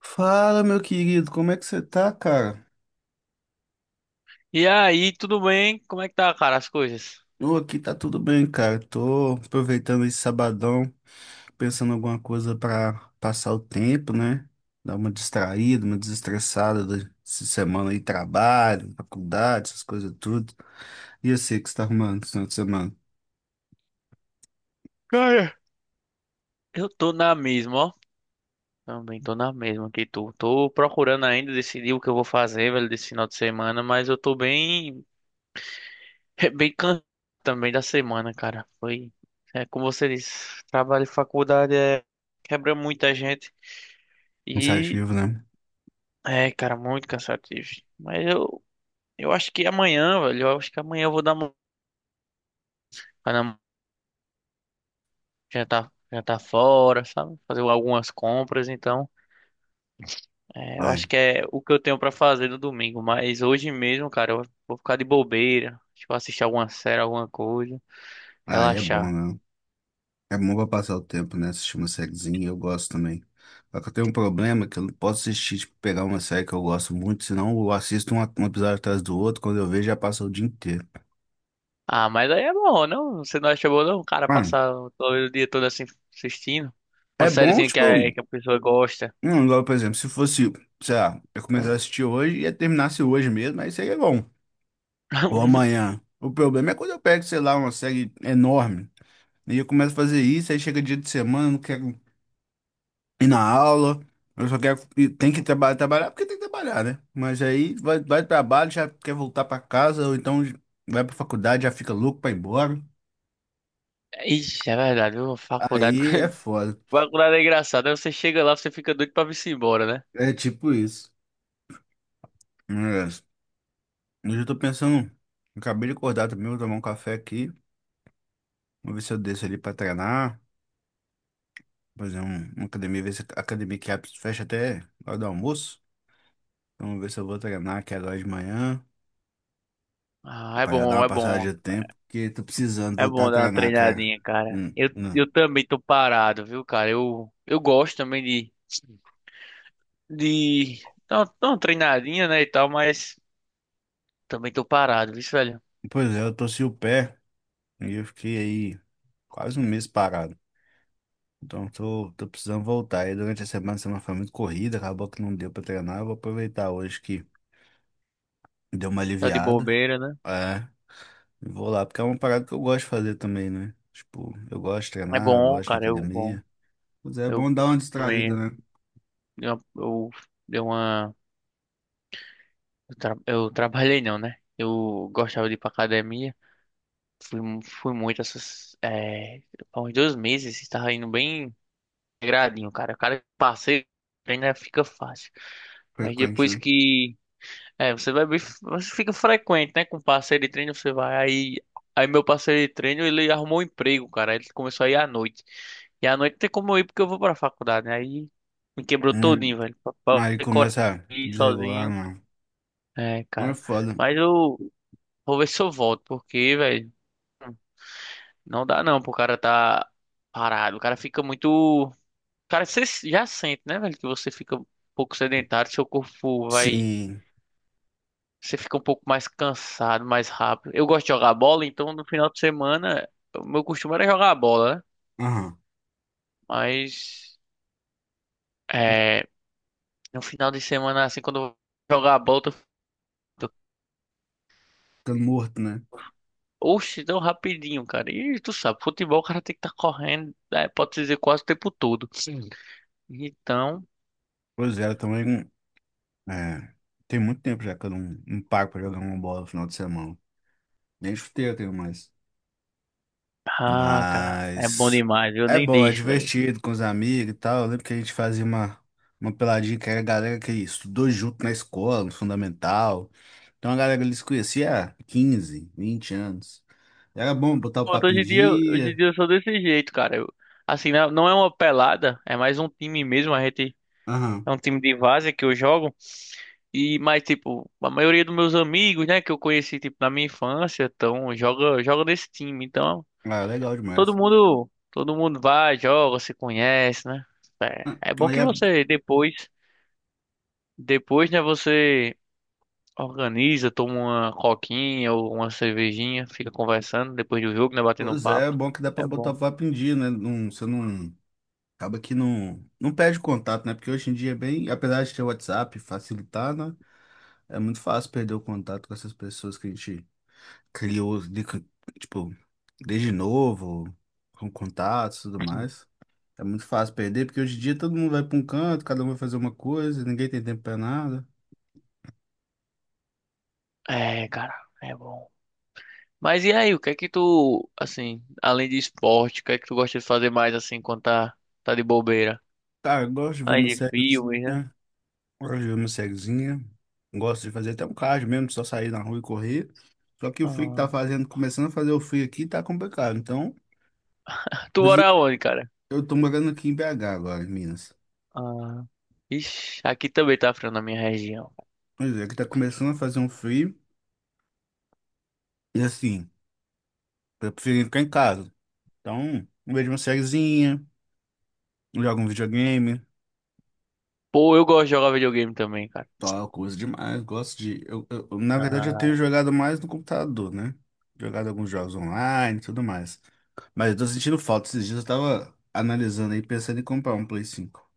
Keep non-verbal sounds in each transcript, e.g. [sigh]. Fala, meu querido, como é que você tá, cara? E aí, tudo bem? Como é que tá, cara, as coisas? Eu aqui tá tudo bem, cara. Tô aproveitando esse sabadão, pensando em alguma coisa pra passar o tempo, né? Dar uma distraída, uma desestressada dessa semana aí, trabalho, faculdade, essas coisas tudo. E eu sei que você tá arrumando esse final de semana. Cara, Eu tô na mesma, ó. Também tô na mesma que tu. Tô procurando ainda decidir o que eu vou fazer, velho, desse final de semana, mas eu tô bem, [laughs] bem cansado também da semana, cara. É como você disse, trabalho e faculdade quebra muita gente e Cansativo, né? é, cara, muito cansativo. Mas eu, eu acho que amanhã, velho, eu acho que amanhã eu vou dar uma, já tá fora, sabe? Fazer algumas compras. Eu acho Ai, que é o que eu tenho pra fazer no domingo, mas hoje mesmo, cara, eu vou ficar de bobeira, tipo, assistir alguma série, alguma coisa, aí é bom, relaxar. né? É bom pra passar o tempo, né? Assistir uma sériezinha, eu gosto também. Só que eu tenho um problema que eu não posso assistir, tipo, pegar uma série que eu gosto muito, senão eu assisto um episódio atrás do outro, quando eu vejo já passa o dia inteiro. Ah, mas aí é bom, não? Você não acha bom, não? Cara, Mano, passar o o dia todo assim assistindo uma é bom, sériezinha que a, tipo, que a pessoa gosta. não, igual, por exemplo, se fosse, sei lá, eu começar a assistir hoje e ia terminasse hoje mesmo, aí seria bom. Ou [laughs] amanhã. O problema é quando eu pego, sei lá, uma série enorme, e eu começo a fazer isso, aí chega dia de semana, eu não quero ir na aula. Eu só quero. E tem que trabalhar, trabalhar porque tem que trabalhar, né? Mas aí vai pro trabalho, já quer voltar pra casa, ou então vai pra faculdade, já fica louco pra ir embora. Ixi, é verdade, viu? Faculdade, Aí é [laughs] foda. faculdade é engraçada. Aí você chega lá, você fica doido pra vir-se embora, né? É tipo isso. Mas, hoje eu tô pensando. Acabei de acordar também, vou tomar um café aqui. Vou ver se eu desço ali pra treinar. Fazer uma academia, ver se a academia que abre, fecha até a hora do almoço. Então, vou ver se eu vou treinar, que é agora de manhã. Ah, é Pra já dar bom, uma é passada bom. de tempo, porque tô precisando É voltar a bom dar uma treinar, cara. treinadinha, cara. Eu, Não. eu também tô parado, viu, cara? Eu gosto também de dar uma treinadinha, né, e tal, mas também tô parado, viu, velho? Pois é, eu torci o pé e eu fiquei aí quase um mês parado. Então tô precisando voltar. E durante a semana foi muito corrida, acabou que não deu pra treinar. Eu vou aproveitar hoje que deu uma Tá de aliviada. bobeira, né? É, e vou lá, porque é uma parada que eu gosto de fazer também, né? Tipo, eu gosto de É treinar, bom, gosto de ir na cara, eu bom. academia. Pois é, é Eu bom dar uma distraída, também né? Eu dei uma eu trabalhei não, né? Eu gostava de ir pra academia. Fui muito essas há uns dois meses, estava indo bem gradinho, cara. O cara passei, ainda fica fácil. Mas Frequente, depois né? que É, você vai bem, você fica frequente, né? Com parceiro de treino, você vai. Aí meu parceiro de treino, ele arrumou um emprego, cara. Ele começou a ir à noite. E à noite não tem como eu ir porque eu vou pra faculdade, né? Aí me quebrou Hum, todinho, velho. Pra aí ter coragem começa a de ir desregular, sozinho. não. É, Não é cara. foda. Mas eu vou ver se eu volto, porque, velho, não dá não pro cara tá parado. O cara fica muito. Cara, você já sente, né, velho, que você fica um pouco sedentário, seu corpo vai. Sim. Você fica um pouco mais cansado, mais rápido. Eu gosto de jogar bola, então no final de semana, o meu costume era jogar bola, né? Aham. Mas é, no final de semana, assim, quando eu vou jogar bola, eu tô, tô- Ficando morto, né? oxe, tão rapidinho, cara. E tu sabe, futebol o cara tem que estar correndo, né? Pode dizer, quase o tempo todo. Sim. Então, Pois é, eu também. É, tem muito tempo já que eu não paro pra jogar uma bola no final de semana. Nem chuteiro eu tenho mais. ah, cara, é bom Mas demais, eu é nem bom, é deixo, velho. divertido com os amigos e tal. Eu lembro que a gente fazia uma peladinha que era a galera que estudou junto na escola, no fundamental. Então a galera ali se conhecia há 15, 20 anos. Era bom botar o Pronto. papo em Hoje em dia, hoje em dia. dia eu sou desse jeito, cara. Eu, assim, não é uma pelada, é mais um time mesmo, a gente. Aham. É um time de várzea que eu jogo. E mas tipo, a maioria dos meus amigos, né, que eu conheci tipo na minha infância, então joga nesse time. Então, Ah, legal todo demais. mundo, todo mundo vai, joga, se conhece, né? É, Ah, é bom aí que é, você depois, né, você organiza, toma uma coquinha ou uma cervejinha, fica conversando depois do jogo, né, batendo um pois é, é papo. bom que dá pra É botar bom. o papo em dia, né? Não, você não. Acaba que não perde o contato, né? Porque hoje em dia é bem, apesar de ter o WhatsApp facilitar, né? É muito fácil perder o contato com essas pessoas que a gente criou, tipo, desde novo, com contatos e tudo mais. É muito fácil perder, porque hoje em dia todo mundo vai pra um canto, cada um vai fazer uma coisa, ninguém tem tempo pra nada. É, cara, é bom. Mas e aí, o que é que tu, assim, além de esporte, o que é que tu gosta de fazer mais assim quando tá de bobeira? Cara, eu gosto de ver Ai, uma de filmes, né? sériezinha, gosto de ver uma sériezinha, gosto de fazer até um cardio mesmo, só sair na rua e correr. Só que o frio que Ah. tá fazendo, começando a fazer o frio aqui, tá complicado. Então, Tu mora onde, cara? eu tô morando aqui em BH agora, em Minas. Ah. Ixi, aqui também tá frio na minha região. Pois é, que tá começando a fazer um frio. E assim, eu prefiro ficar em casa. Então, eu vejo uma sériezinha, jogo um videogame, Pô, eu gosto de jogar videogame também, cara. tal, coisa demais. Gosto de. Na verdade, eu tenho Ah. jogado mais no computador, né? Jogado alguns jogos online e tudo mais. Mas eu tô sentindo falta. Esses dias eu tava analisando aí, pensando em comprar um Play 5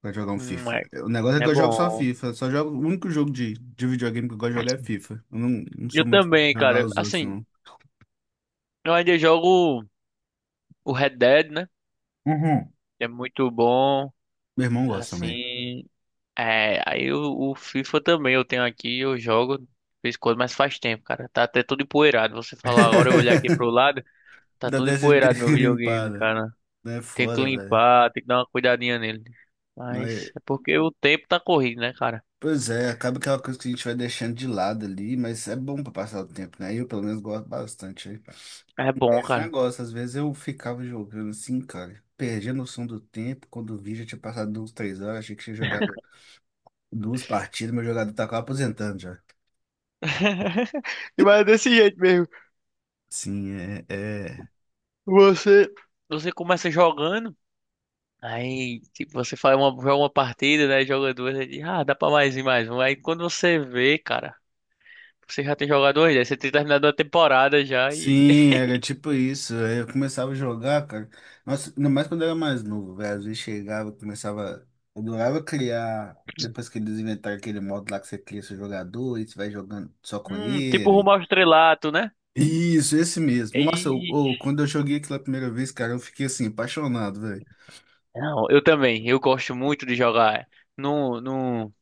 pra jogar um FIFA. É, O negócio é que é eu jogo só bom. FIFA. Só jogo, o único jogo de videogame que eu gosto de jogar é FIFA. Eu não sou Eu muito fã de também, jogar cara. os outros, Assim, não. eu ainda jogo o Red Dead, né, Uhum. que é muito bom. Meu irmão gosta também. Assim, é. O FIFA também eu tenho aqui, eu jogo de vez em quando, mas faz tempo, cara. Tá até todo empoeirado. Você falar agora, eu olhar aqui [laughs] pro lado, tá da todo Dessa de empoeirado meu ter videogame, limpada. cara. Não é Tento foda, velho. limpar, tem que dar uma cuidadinha nele. Não é. Mas é porque o tempo tá corrido, né, cara? Pois é, acaba que é uma coisa que a gente vai deixando de lado ali, mas é bom pra passar o tempo, né? Eu, pelo menos, gosto bastante aí. É É bom, esse cara. negócio, às vezes eu ficava jogando assim, cara, perdi a noção do tempo, quando vi já tinha passado uns 3 horas, achei que tinha jogado duas partidas, meu jogador tava quase aposentando já. [laughs] Mas é desse jeito mesmo. Sim, é, é. Você. Você começa jogando, aí tipo, você faz uma, joga uma partida, né? Joga duas, aí diz, ah, dá pra mais e mais um. Aí quando você vê, cara, você já tem jogado dois, né? Você tem terminado a temporada já e. Sim, [laughs] era tipo isso. Aí eu começava a jogar, cara. Nossa, ainda mais quando eu era mais novo, velho. Às vezes chegava, começava. Eu adorava criar. Depois que eles inventaram aquele modo lá que você cria seu jogador e você vai jogando só com tipo ele. rumo ao estrelato, né? Isso, esse mesmo. Nossa, E. Quando eu joguei aquela primeira vez, cara, eu fiquei assim, apaixonado, velho. Não, eu também. Eu gosto muito de jogar. No, no...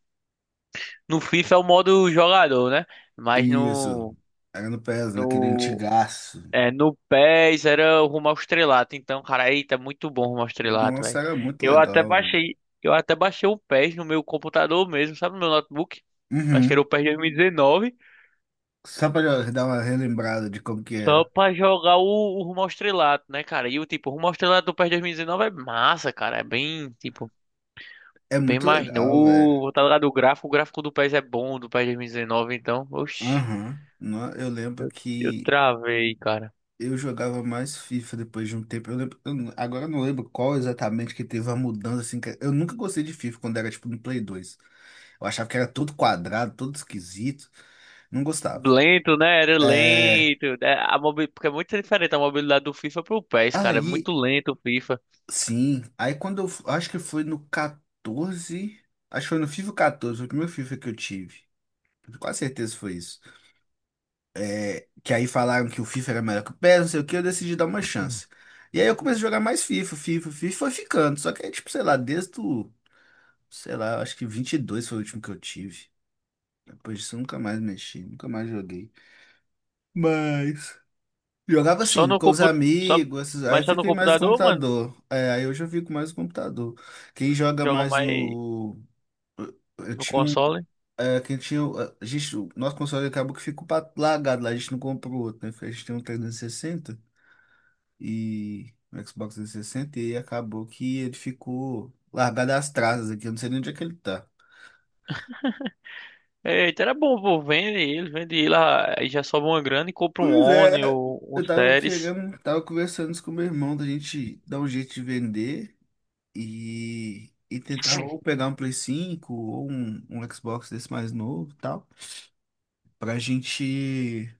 No FIFA é o modo jogador, né? Mas Isso. no, Era no PES, naquele no, antigaço. é, no PES era o rumo ao estrelato. Então, cara, eita, muito bom o rumo ao estrelato, Nossa, velho. era muito Eu até legal, velho. baixei, eu até baixei o PES no meu computador mesmo, sabe? No meu notebook. Acho que era Uhum. o PES 2019. Só pra dar uma relembrada de como que Só é. pra jogar o rumo ao estrelato, né, cara? E o tipo, o rumo ao estrelato do PES 2019 é massa, cara. É bem, tipo, É bem muito mais legal, velho. novo. Tá ligado? O gráfico do PES é bom, do PES 2019. Então, oxi, Aham. Eu lembro eu que travei, cara. eu jogava mais FIFA depois de um tempo. Eu lembro, eu não- agora eu não lembro qual exatamente que teve a mudança, assim. Eu nunca gostei de FIFA quando era, tipo, no Play 2. Eu achava que era todo quadrado, todo esquisito. Não gostava. Lento, né? Era É, lento. Né? A mobi... Porque é muito diferente a mobilidade do FIFA pro PES, cara. É aí, muito lento o FIFA. sim. Aí quando eu, acho que foi no 14, acho que foi no FIFA 14, foi o primeiro FIFA que eu tive. Com quase certeza foi isso. É, que aí falaram que o FIFA era melhor que o PES, não sei o que, eu decidi dar uma Hum. chance. E aí eu comecei a jogar mais FIFA, FIFA, FIFA, foi ficando. Só que aí, tipo, sei lá, desde o, sei lá, acho que 22 foi o último que eu tive. Depois disso eu nunca mais mexi, nunca mais joguei. Mas, jogava Só assim, no com os computador. Só... amigos, aí Mas eu só no fiquei mais no computador, mano. computador. É, aí hoje eu fico mais no computador. Quem joga Joga mais mais no. Eu no tinha um. console. É, quem tinha. A gente, o nosso console acabou que ficou largado lá, a gente não comprou outro, né? A gente tem um 360 e no Xbox 360 e sessenta, e acabou que ele ficou largado às traças aqui, eu não sei nem onde é que ele tá. Eita, era bom, pô. Vende ele. Ah, aí já sobe uma grana e compra um Pois One é, ou um eu tava Series. querendo, tava conversando isso com meu irmão da gente dar um jeito de vender e tentar ou pegar um Play 5 ou um Xbox desse mais novo e tal, pra gente,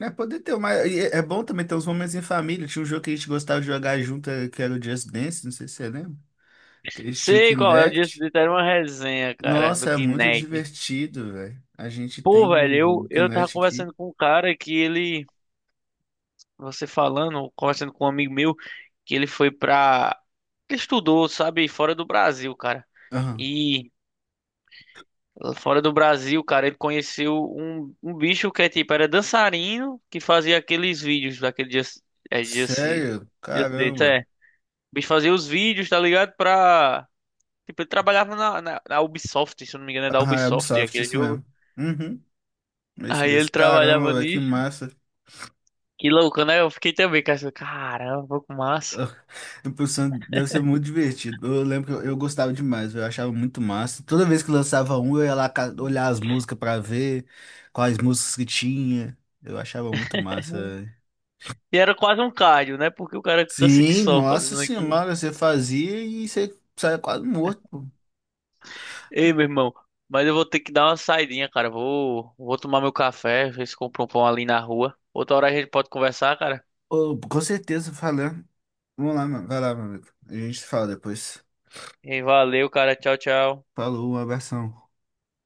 né, poder ter uma. E é bom também ter uns momentos em família. Tinha um jogo que a gente gostava de jogar junto, que era o Just Dance, não sei se você lembra. Que a gente tinha o Sei qual é o dia Kinect. de ter uma resenha, cara, do Nossa, é muito Kinect. divertido, velho. A gente Pô, tem velho, o, eu, o eu tava Kinect aqui. conversando com um cara que ele. Você falando, conversando com um amigo meu, que ele foi pra. Ele estudou, sabe, fora do Brasil, cara. Aham. E fora do Brasil, cara, ele conheceu um bicho que é tipo, era dançarino que fazia aqueles vídeos daquele dia. É, dia se. Sério? Dia se, Caramba. é. O bicho fazia os vídeos, tá ligado? Pra. Tipo, ele trabalhava na Ubisoft, se eu não me engano, é da Aham, é Ubisoft Ubisoft, aquele isso jogo. mesmo. Uhum, é isso Aí ele mesmo. trabalhava Caramba, véi, que nisso. massa. Que louco, né? Eu fiquei também, cara. Caramba, que [laughs] massa. Ah, eu pensando, deve ser muito divertido. Eu lembro que eu gostava demais, véi, eu achava muito massa. Toda vez que lançava um, eu ia lá olhar as músicas pra ver quais músicas que tinha. Eu achava muito massa, véi. E era quase um cardio, né? Porque o cara cansa que Sim, só nossa fazendo aquilo. senhora, você fazia e você saia quase morto, pô. Ei, meu irmão, mas eu vou ter que dar uma saidinha, cara. Vou tomar meu café, ver se compro um pão ali na rua. Outra hora a gente pode conversar, cara. Ô, com certeza, falando. Vamos lá, mano. Vai lá, meu amigo. A gente se fala depois. Ei, valeu, cara. Tchau, tchau. Falou, um abração.